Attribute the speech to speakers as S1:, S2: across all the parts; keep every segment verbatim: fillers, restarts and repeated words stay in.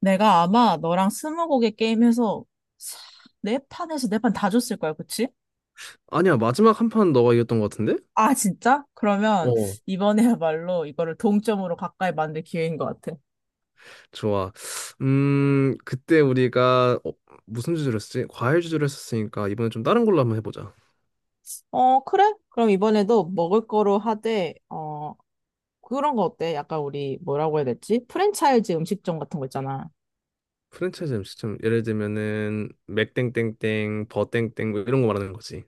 S1: 내가 아마 너랑 스무고개 게임해서 사- 네 판에서 네 판 다 줬을 거야, 그치?
S2: 아니야, 마지막 한 판 너가 이겼던 것 같은데?
S1: 아, 진짜? 그러면
S2: 어,
S1: 이번에야말로 이거를 동점으로 가까이 만들 기회인 것 같아.
S2: 좋아. 음, 그때 우리가 어, 무슨 주제로 했었지? 과일 주제로 했었으니까 이번에 좀 다른 걸로 한번 해보자.
S1: 어, 그래? 그럼 이번에도 먹을 거로 하되, 어, 그런 거 어때? 약간 우리 뭐라고 해야 되지? 프랜차이즈 음식점 같은 거 있잖아.
S2: 프랜차이즈 음식점 예를 들면은 맥땡땡땡, 버땡땡 뭐 이런 거 말하는 거지.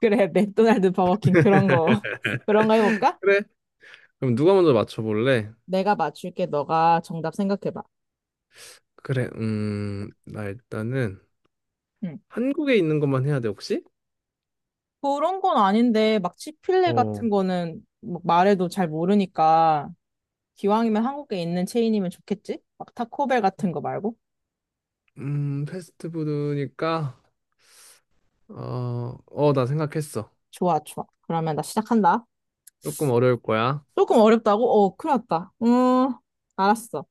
S1: 그래, 맥도날드, 버거킹 그런 거. 그런 거 해볼까?
S2: 그래? 그럼 누가 먼저 맞춰볼래?
S1: 내가 맞출게. 너가 정답 생각해봐.
S2: 그래, 음, 나 일단은
S1: 응.
S2: 한국에 있는 것만 해야 돼, 혹시?
S1: 그런 건 아닌데 막 치필레
S2: 어.
S1: 같은 거는 막 말해도 잘 모르니까 기왕이면 한국에 있는 체인이면 좋겠지? 막 타코벨 같은 거 말고?
S2: 음, 패스트푸드니까, 어, 어, 나 생각했어.
S1: 좋아, 좋아. 그러면 나 시작한다.
S2: 조금 어려울 거야.
S1: 조금 어렵다고? 어, 큰일 났다. 음, 알았어.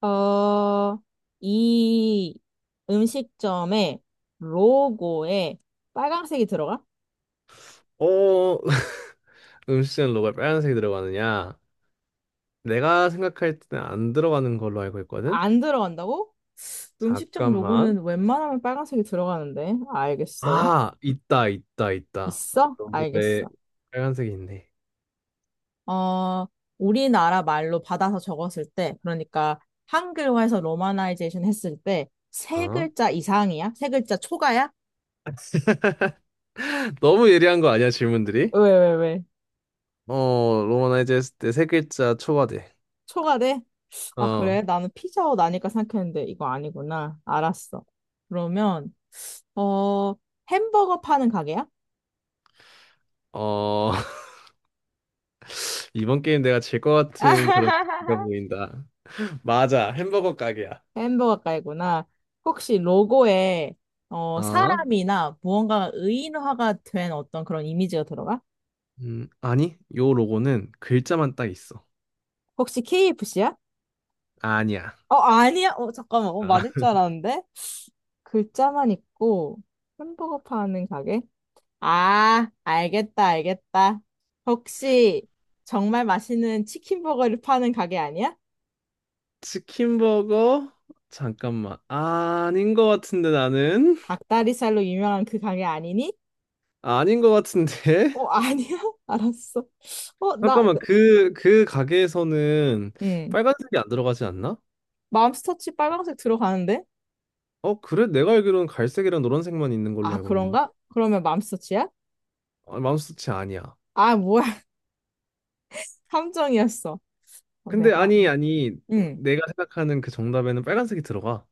S1: 어, 이 음식점의 로고에 빨간색이 들어가?
S2: 어, 음식점 로고에 빨간색이 들어가느냐? 내가 생각할 때는 안 들어가는 걸로 알고 있거든?
S1: 안 들어간다고? 음식점
S2: 잠깐만.
S1: 로고는 웬만하면 빨간색이 들어가는데. 알겠어.
S2: 아, 있다, 있다, 있다.
S1: 있어?
S2: 로고에
S1: 알겠어.
S2: 빨간색이 있네.
S1: 어, 우리나라 말로 받아서 적었을 때, 그러니까 한글화해서 로마나이제이션 했을 때, 세
S2: 어?
S1: 글자 이상이야? 세 글자 초과야?
S2: 너무 예리한 거 아니야, 질문들이?
S1: 왜, 왜, 왜?
S2: 어, 로마나이즈 했을 때 세 글자 초과돼.
S1: 초과돼? 아,
S2: 어,
S1: 그래? 나는 피자헛 아닐까 생각했는데, 이거 아니구나. 알았어. 그러면, 어, 햄버거 파는 가게야?
S2: 어. 이번 게임 내가 질 것 같은 그런 기가 보인다. 맞아, 햄버거 가게야.
S1: 햄버거 가게구나. 혹시 로고에, 어,
S2: 어?
S1: 사람이나 무언가 의인화가 된 어떤 그런 이미지가 들어가?
S2: 음, 아니, 요 로고는 글자만 딱 있어.
S1: 혹시 케이에프씨야?
S2: 아니야.
S1: 어, 아니야? 어, 잠깐만. 어,
S2: 아,
S1: 맞을 줄 알았는데? 글자만 있고 햄버거 파는 가게? 아, 알겠다, 알겠다. 혹시 정말 맛있는 치킨버거를 파는 가게 아니야?
S2: 치킨 버거? 잠깐만. 아닌 것 같은데 나는?
S1: 닭다리살로 유명한 그 가게 아니니?
S2: 아닌 것 같은데?
S1: 어, 아니야? 알았어. 어, 나,
S2: 잠깐만, 그 그 가게에서는
S1: 음
S2: 빨간색이 안 들어가지 않나?
S1: 맘스터치 빨강색 들어가는데?
S2: 어, 그래? 내가 알기로는 갈색이랑 노란색만 있는 걸로
S1: 아,
S2: 알고 있는데.
S1: 그런가? 그러면 맘스터치야?
S2: 아, 맘스터치 아니야.
S1: 아, 뭐야. 함정이었어. 어,
S2: 근데,
S1: 내가,
S2: 아니, 아니,
S1: 응.
S2: 내가 생각하는 그 정답에는 빨간색이 들어가.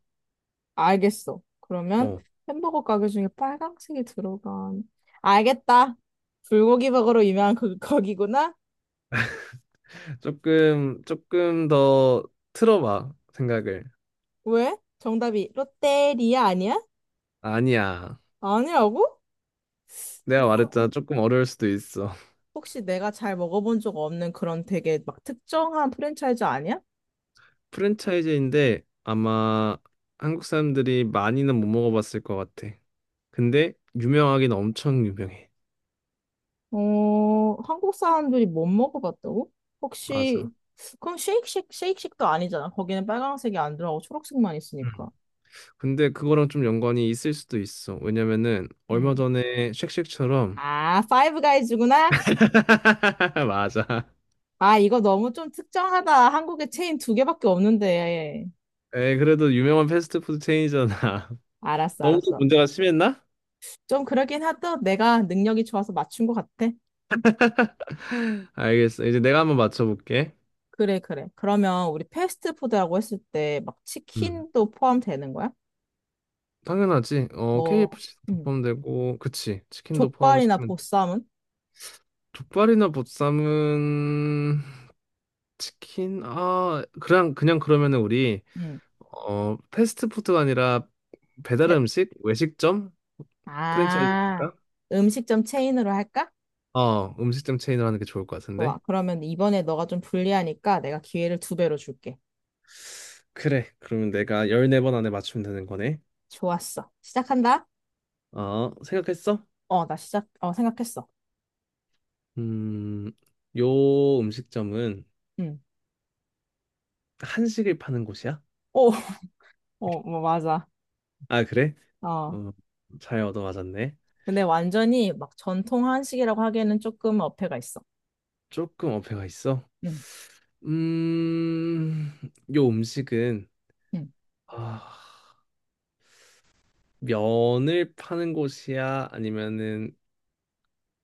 S1: 알겠어. 그러면
S2: 어,
S1: 햄버거 가게 중에 빨강색이 들어간. 알겠다. 불고기 버거로 유명한 그 거기구나.
S2: 조금 조금 더 틀어봐, 생각을.
S1: 왜? 정답이 롯데리아 아니야?
S2: 아니야.
S1: 아니라고?
S2: 내가
S1: 이거
S2: 말했잖아, 조금 어려울 수도 있어.
S1: 혹시 내가 잘 먹어본 적 없는 그런 되게 막 특정한 프랜차이즈 아니야?
S2: 프랜차이즈인데 아마 한국 사람들이 많이는 못 먹어봤을 것 같아. 근데 유명하긴 엄청 유명해.
S1: 어, 한국 사람들이 못 먹어봤다고?
S2: 맞아.
S1: 혹시 그럼 쉐이크쉑 쉐이크쉑도 아니잖아. 거기는 빨강색이 안 들어가고 초록색만 있으니까.
S2: 음. 근데 그거랑 좀 연관이 있을 수도 있어. 왜냐면은 얼마
S1: 음.
S2: 전에 쉑쉑처럼.
S1: 아, 파이브 가이즈구나.
S2: 맞아.
S1: 아, 이거 너무 좀 특정하다. 한국에 체인 두 개밖에 없는데.
S2: 에 그래도 유명한 패스트푸드 체인이잖아.
S1: 알았어,
S2: 너무 좀
S1: 알았어.
S2: 문제가 심했나?
S1: 좀 그러긴 하다. 내가 능력이 좋아서 맞춘 것 같아.
S2: 알겠어. 이제 내가 한번 맞춰볼게.
S1: 그래, 그래. 그러면 우리 패스트푸드라고 했을 때 막
S2: 음.
S1: 치킨도 포함되는 거야?
S2: 당연하지. 어,
S1: 뭐,
S2: 케이에프씨도
S1: 음,
S2: 포함되고, 그치. 치킨도
S1: 족발이나
S2: 포함시키면
S1: 보쌈은?
S2: 족발이나 보쌈은 치킨? 아, 그냥 그냥 그러면은 우리,
S1: 음,
S2: 어 패스트푸드가 아니라 배달
S1: 배-
S2: 음식, 외식점 프랜차이즈
S1: 아,
S2: 할까?
S1: 음식점 체인으로 할까?
S2: 어, 음식점 체인을 하는 게 좋을 것
S1: 좋아.
S2: 같은데.
S1: 그러면 이번에 너가 좀 불리하니까 내가 기회를 두 배로 줄게.
S2: 그래. 그러면 내가 열네 번 안에 맞추면 되는 거네.
S1: 좋았어. 시작한다?
S2: 어, 생각했어?
S1: 어, 나 시작, 어, 생각했어.
S2: 음, 요 음식점은
S1: 음.
S2: 한식을 파는 곳이야?
S1: 오, 어, 뭐, 맞아.
S2: 아, 그래?
S1: 어.
S2: 어, 잘 얻어맞았네.
S1: 근데 완전히 막 전통 한식이라고 하기에는 조금 어폐가 있어.
S2: 조금 어폐가 있어?
S1: 응,
S2: 음, 요 음식은,
S1: 응.
S2: 아, 면을 파는 곳이야? 아니면은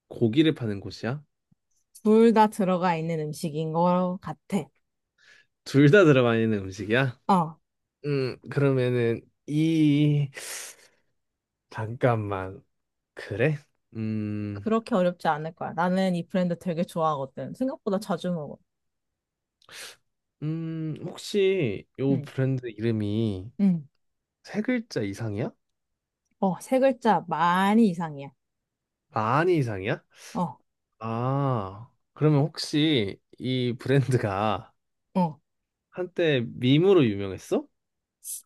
S2: 고기를 파는 곳이야?
S1: 둘 다 들어가 있는 음식인 것 같아.
S2: 둘 다 들어가 있는 음식이야?
S1: 어,
S2: 음, 그러면은, 이 잠깐만. 그래? 음,
S1: 그렇게 어렵지 않을 거야. 나는 이 브랜드 되게 좋아하거든. 생각보다 자주 먹어.
S2: 음, 혹시 요
S1: 응,
S2: 브랜드 이름이
S1: 응.
S2: 세 글자 이상이야?
S1: 어, 세 글자 많이 이상이야.
S2: 많이 이상이야?
S1: 어,
S2: 아, 그러면 혹시 이 브랜드가
S1: 어.
S2: 한때 밈으로 유명했어?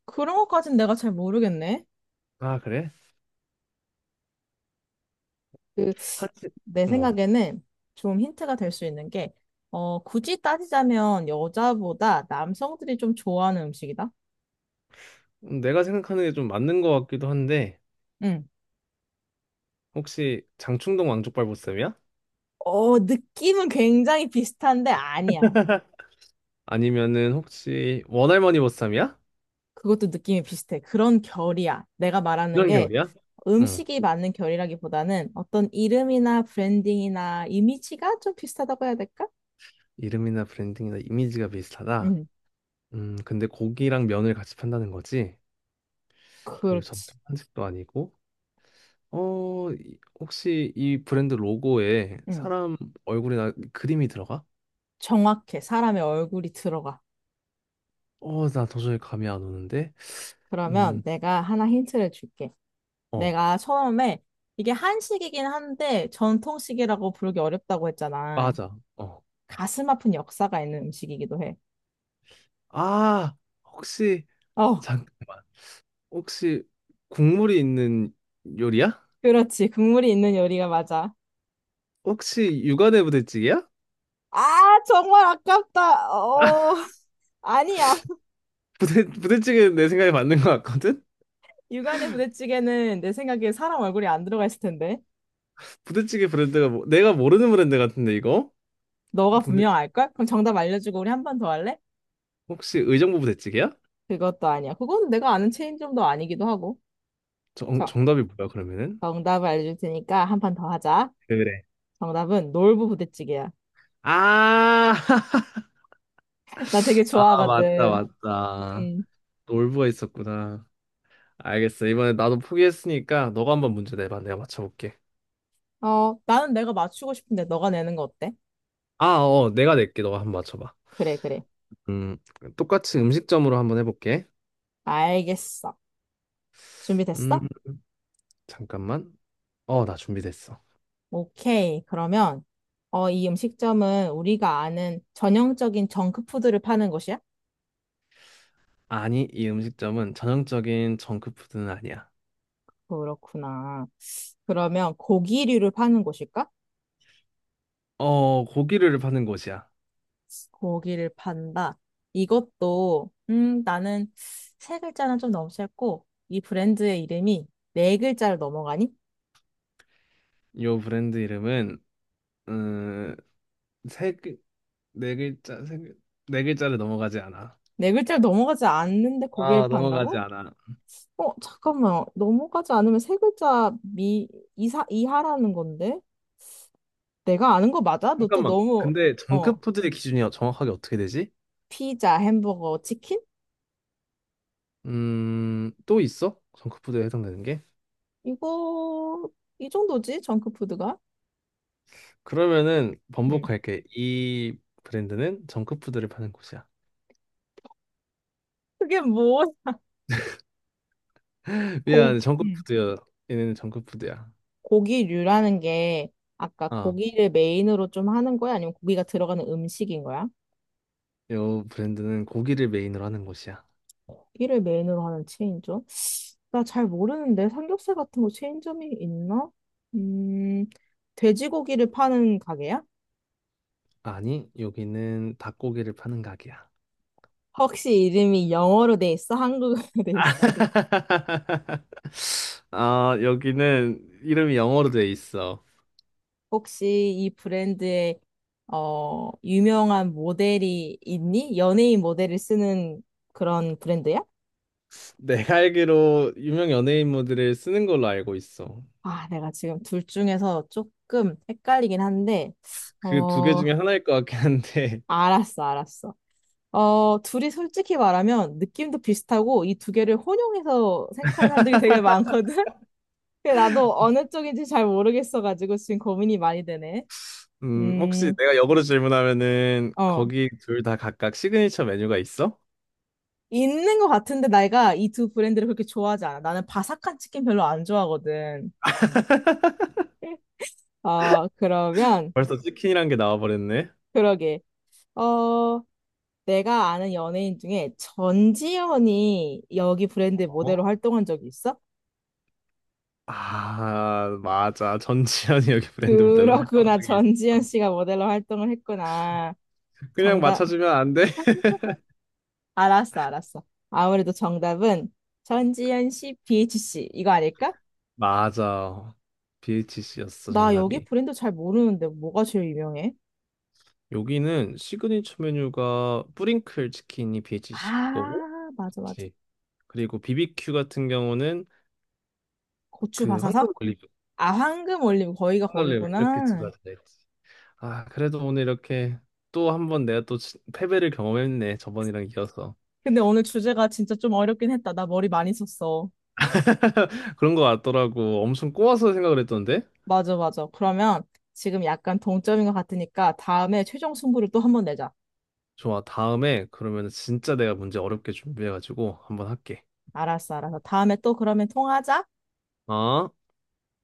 S1: 그런 것까진 내가 잘 모르겠네.
S2: 아, 그래?
S1: 그,
S2: 한시,
S1: 내
S2: 어.
S1: 생각에는 좀 힌트가 될 수 있는 게, 어, 굳이 따지자면 여자보다 남성들이 좀 좋아하는 음식이다.
S2: 내가 생각하는 게 좀 맞는 것 같기도 한데,
S1: 응.
S2: 혹시 장충동 왕족발보쌈이야?
S1: 어, 느낌은 굉장히 비슷한데 아니야.
S2: 아니면은 혹시 원할머니 보쌈이야?
S1: 그것도 느낌이 비슷해. 그런 결이야. 내가 말하는
S2: 이런
S1: 게
S2: 계열이야? 응.
S1: 음식이 맞는 결이라기보다는 어떤 이름이나 브랜딩이나 이미지가 좀 비슷하다고 해야 될까?
S2: 이름이나 브랜딩이나 이미지가 비슷하다.
S1: 응,
S2: 음, 근데 고기랑 면을 같이 판다는 거지? 그리고
S1: 그렇지.
S2: 전통 한식도 아니고, 어, 이- 혹시 이 브랜드 로고에
S1: 응,
S2: 사람 얼굴이나 그림이 들어가?
S1: 정확해. 사람의 얼굴이 들어가.
S2: 어, 나 도저히 감이 안 오는데?
S1: 그러면
S2: 음,
S1: 내가 하나 힌트를 줄게.
S2: 어,
S1: 내가 처음에 이게 한식이긴 한데 전통식이라고 부르기 어렵다고 했잖아.
S2: 맞아. 어.
S1: 가슴 아픈 역사가 있는 음식이기도 해.
S2: 아, 혹시
S1: 어,
S2: 잠깐만. 혹시 국물이 있는 요리야?
S1: 그렇지. 국물이 있는 요리가 맞아.
S2: 혹시 육안의 부대찌개야?
S1: 아, 정말 아깝다. 어, 아니야.
S2: 부대 부대찌개는 내 생각에 맞는 것 같거든.
S1: 육안의 부대찌개는 내 생각에 사람 얼굴이 안 들어가 있을 텐데.
S2: 부대찌개 브랜드가, 뭐, 내가 모르는 브랜드 같은데 이거?
S1: 너가
S2: 부대
S1: 분명 알걸? 그럼 정답 알려주고 우리 한 번 더 할래?
S2: 혹시 의정부 부대찌개야?
S1: 그것도 아니야. 그건 내가 아는 체인점도 아니기도 하고.
S2: 정
S1: 자,
S2: 정답이 뭐야, 그러면은?
S1: 정답을 알려줄 테니까 한 판 더 하자.
S2: 그래.
S1: 정답은 놀부 부대찌개야.
S2: 아,
S1: 나 되게
S2: 아, 맞다,
S1: 좋아하거든.
S2: 맞다.
S1: 음.
S2: 놀부가 있었구나. 알겠어. 이번에 나도 포기했으니까 너가 한번 문제 내봐. 내가 맞춰볼게.
S1: 어, 나는 내가 맞추고 싶은데 너가 내는 거 어때?
S2: 아, 어, 내가 낼게. 너가 한번 맞춰봐.
S1: 그래, 그래.
S2: 음, 똑같이 음식점으로 한번 해볼게.
S1: 알겠어.
S2: 음,
S1: 준비됐어?
S2: 잠깐만. 어, 나 준비됐어.
S1: 오케이. 그러면, 어, 이 음식점은 우리가 아는 전형적인 정크푸드를 파는 곳이야?
S2: 아니, 이 음식점은 전형적인 정크푸드는 아니야.
S1: 그렇구나. 그러면 고기류를 파는 곳일까?
S2: 어, 고기를 파는 곳이야.
S1: 고기를 판다. 이것도, 음, 나는 세 글자는 좀 너무 짧고, 이 브랜드의 이름이 네 글자를 넘어가니?
S2: 요 브랜드 이름은 음, 세, 글- 네 글자, 세, 글- 네 글자를 넘어가지 않아.
S1: 네 글자를 넘어가지 않는데 고기를
S2: 아, 넘어가지
S1: 판다고?
S2: 않아.
S1: 어, 잠깐만. 넘어가지 않으면 세 글자 미, 이사, 이하라는 건데? 내가 아는 거 맞아? 너 또
S2: 잠깐만.
S1: 너무,
S2: 근데
S1: 어.
S2: 정크푸드의 기준이 정확하게 어떻게 되지?
S1: 피자, 햄버거, 치킨?
S2: 음, 또 있어? 정크푸드에 해당되는 게?
S1: 이거, 이 정도지, 정크푸드가?
S2: 그러면은
S1: 음.
S2: 번복할게. 이 브랜드는 정크푸드를 파는 곳이야.
S1: 그게 뭐, 고,
S2: 미안,
S1: 음.
S2: 정크푸드야. 얘네는 정크푸드야.
S1: 고기류라는 게, 아까
S2: 아,
S1: 고기를 메인으로 좀 하는 거야? 아니면 고기가 들어가는 음식인 거야?
S2: 요 브랜드는 고기를 메인으로 하는 곳이야.
S1: 고기를 메인으로 하는 체인점? 나 잘 모르는데, 삼겹살 같은 거 체인점이 있나? 음, 돼지고기를 파는 가게야?
S2: 아니, 여기는 닭고기를 파는 가게야.
S1: 혹시 이름이 영어로 돼 있어? 한국어로 돼 있어?
S2: 아, 여기는 이름이 영어로 돼 있어.
S1: 혹시 이 브랜드에 어, 유명한 모델이 있니? 연예인 모델을 쓰는 그런 브랜드야?
S2: 내가 알기로 유명 연예인 모들을 쓰는 걸로 알고 있어.
S1: 아, 내가 지금 둘 중에서 조금 헷갈리긴 한데,
S2: 그 두 개
S1: 어,
S2: 중에 하나일 것 같긴 한데.
S1: 알았어, 알았어. 어, 둘이 솔직히 말하면 느낌도 비슷하고 이 두 개를 혼용해서 생각하는 사람들이 되게 많거든? 근데 나도 어느 쪽인지 잘 모르겠어가지고 지금 고민이 많이 되네.
S2: 음, 혹시
S1: 음,
S2: 내가 역으로 질문하면은
S1: 어.
S2: 거기 둘 다 각각 시그니처 메뉴가 있어?
S1: 있는 것 같은데 내가 이 두 브랜드를 그렇게 좋아하지 않아. 나는 바삭한 치킨 별로 안 좋아하거든. 아, 그러면
S2: 벌써 치킨이란 게 나와버렸네.
S1: 그러게. 어, 내가 아는 연예인 중에 전지현이 여기 브랜드 모델로
S2: 어?
S1: 활동한 적이 있어?
S2: 아, 맞아. 전지현이 여기 브랜드 모델로 활동한
S1: 그렇구나.
S2: 적이
S1: 전지현
S2: 있어.
S1: 씨가 모델로 활동을 했구나.
S2: 그냥
S1: 정답.
S2: 맞춰주면 안 돼?
S1: 알았어, 알았어. 아무래도 정답은 전지현 씨, 비에이치씨 이거 아닐까?
S2: 맞아. 비에이치씨였어,
S1: 나 여기
S2: 정답이.
S1: 브랜드 잘 모르는데 뭐가 제일 유명해?
S2: 여기는 시그니처 메뉴가 뿌링클 치킨이 비에이치씨 거고,
S1: 아, 맞아, 맞아.
S2: 그치. 그리고 비비큐 같은 경우는
S1: 고추
S2: 그 황금
S1: 바사삭?
S2: 올리브,
S1: 아, 황금 올림 거기가
S2: 황리브 이렇게 두
S1: 거기구나.
S2: 가지가 있지. 아, 그래도 오늘 이렇게 또 한번 내가 또 진- 패배를 경험했네. 저번이랑 이어서.
S1: 근데 오늘 주제가 진짜 좀 어렵긴 했다. 나 머리 많이 썼어.
S2: 그런 거 같더라고. 엄청 꼬아서 생각을 했던데?
S1: 맞아, 맞아. 그러면 지금 약간 동점인 것 같으니까 다음에 최종 승부를 또 한번 내자.
S2: 좋아. 다음에 그러면 진짜 내가 문제 어렵게 준비해가지고 한번 할게.
S1: 알았어, 알았어. 다음에 또 그러면 통화하자.
S2: 어?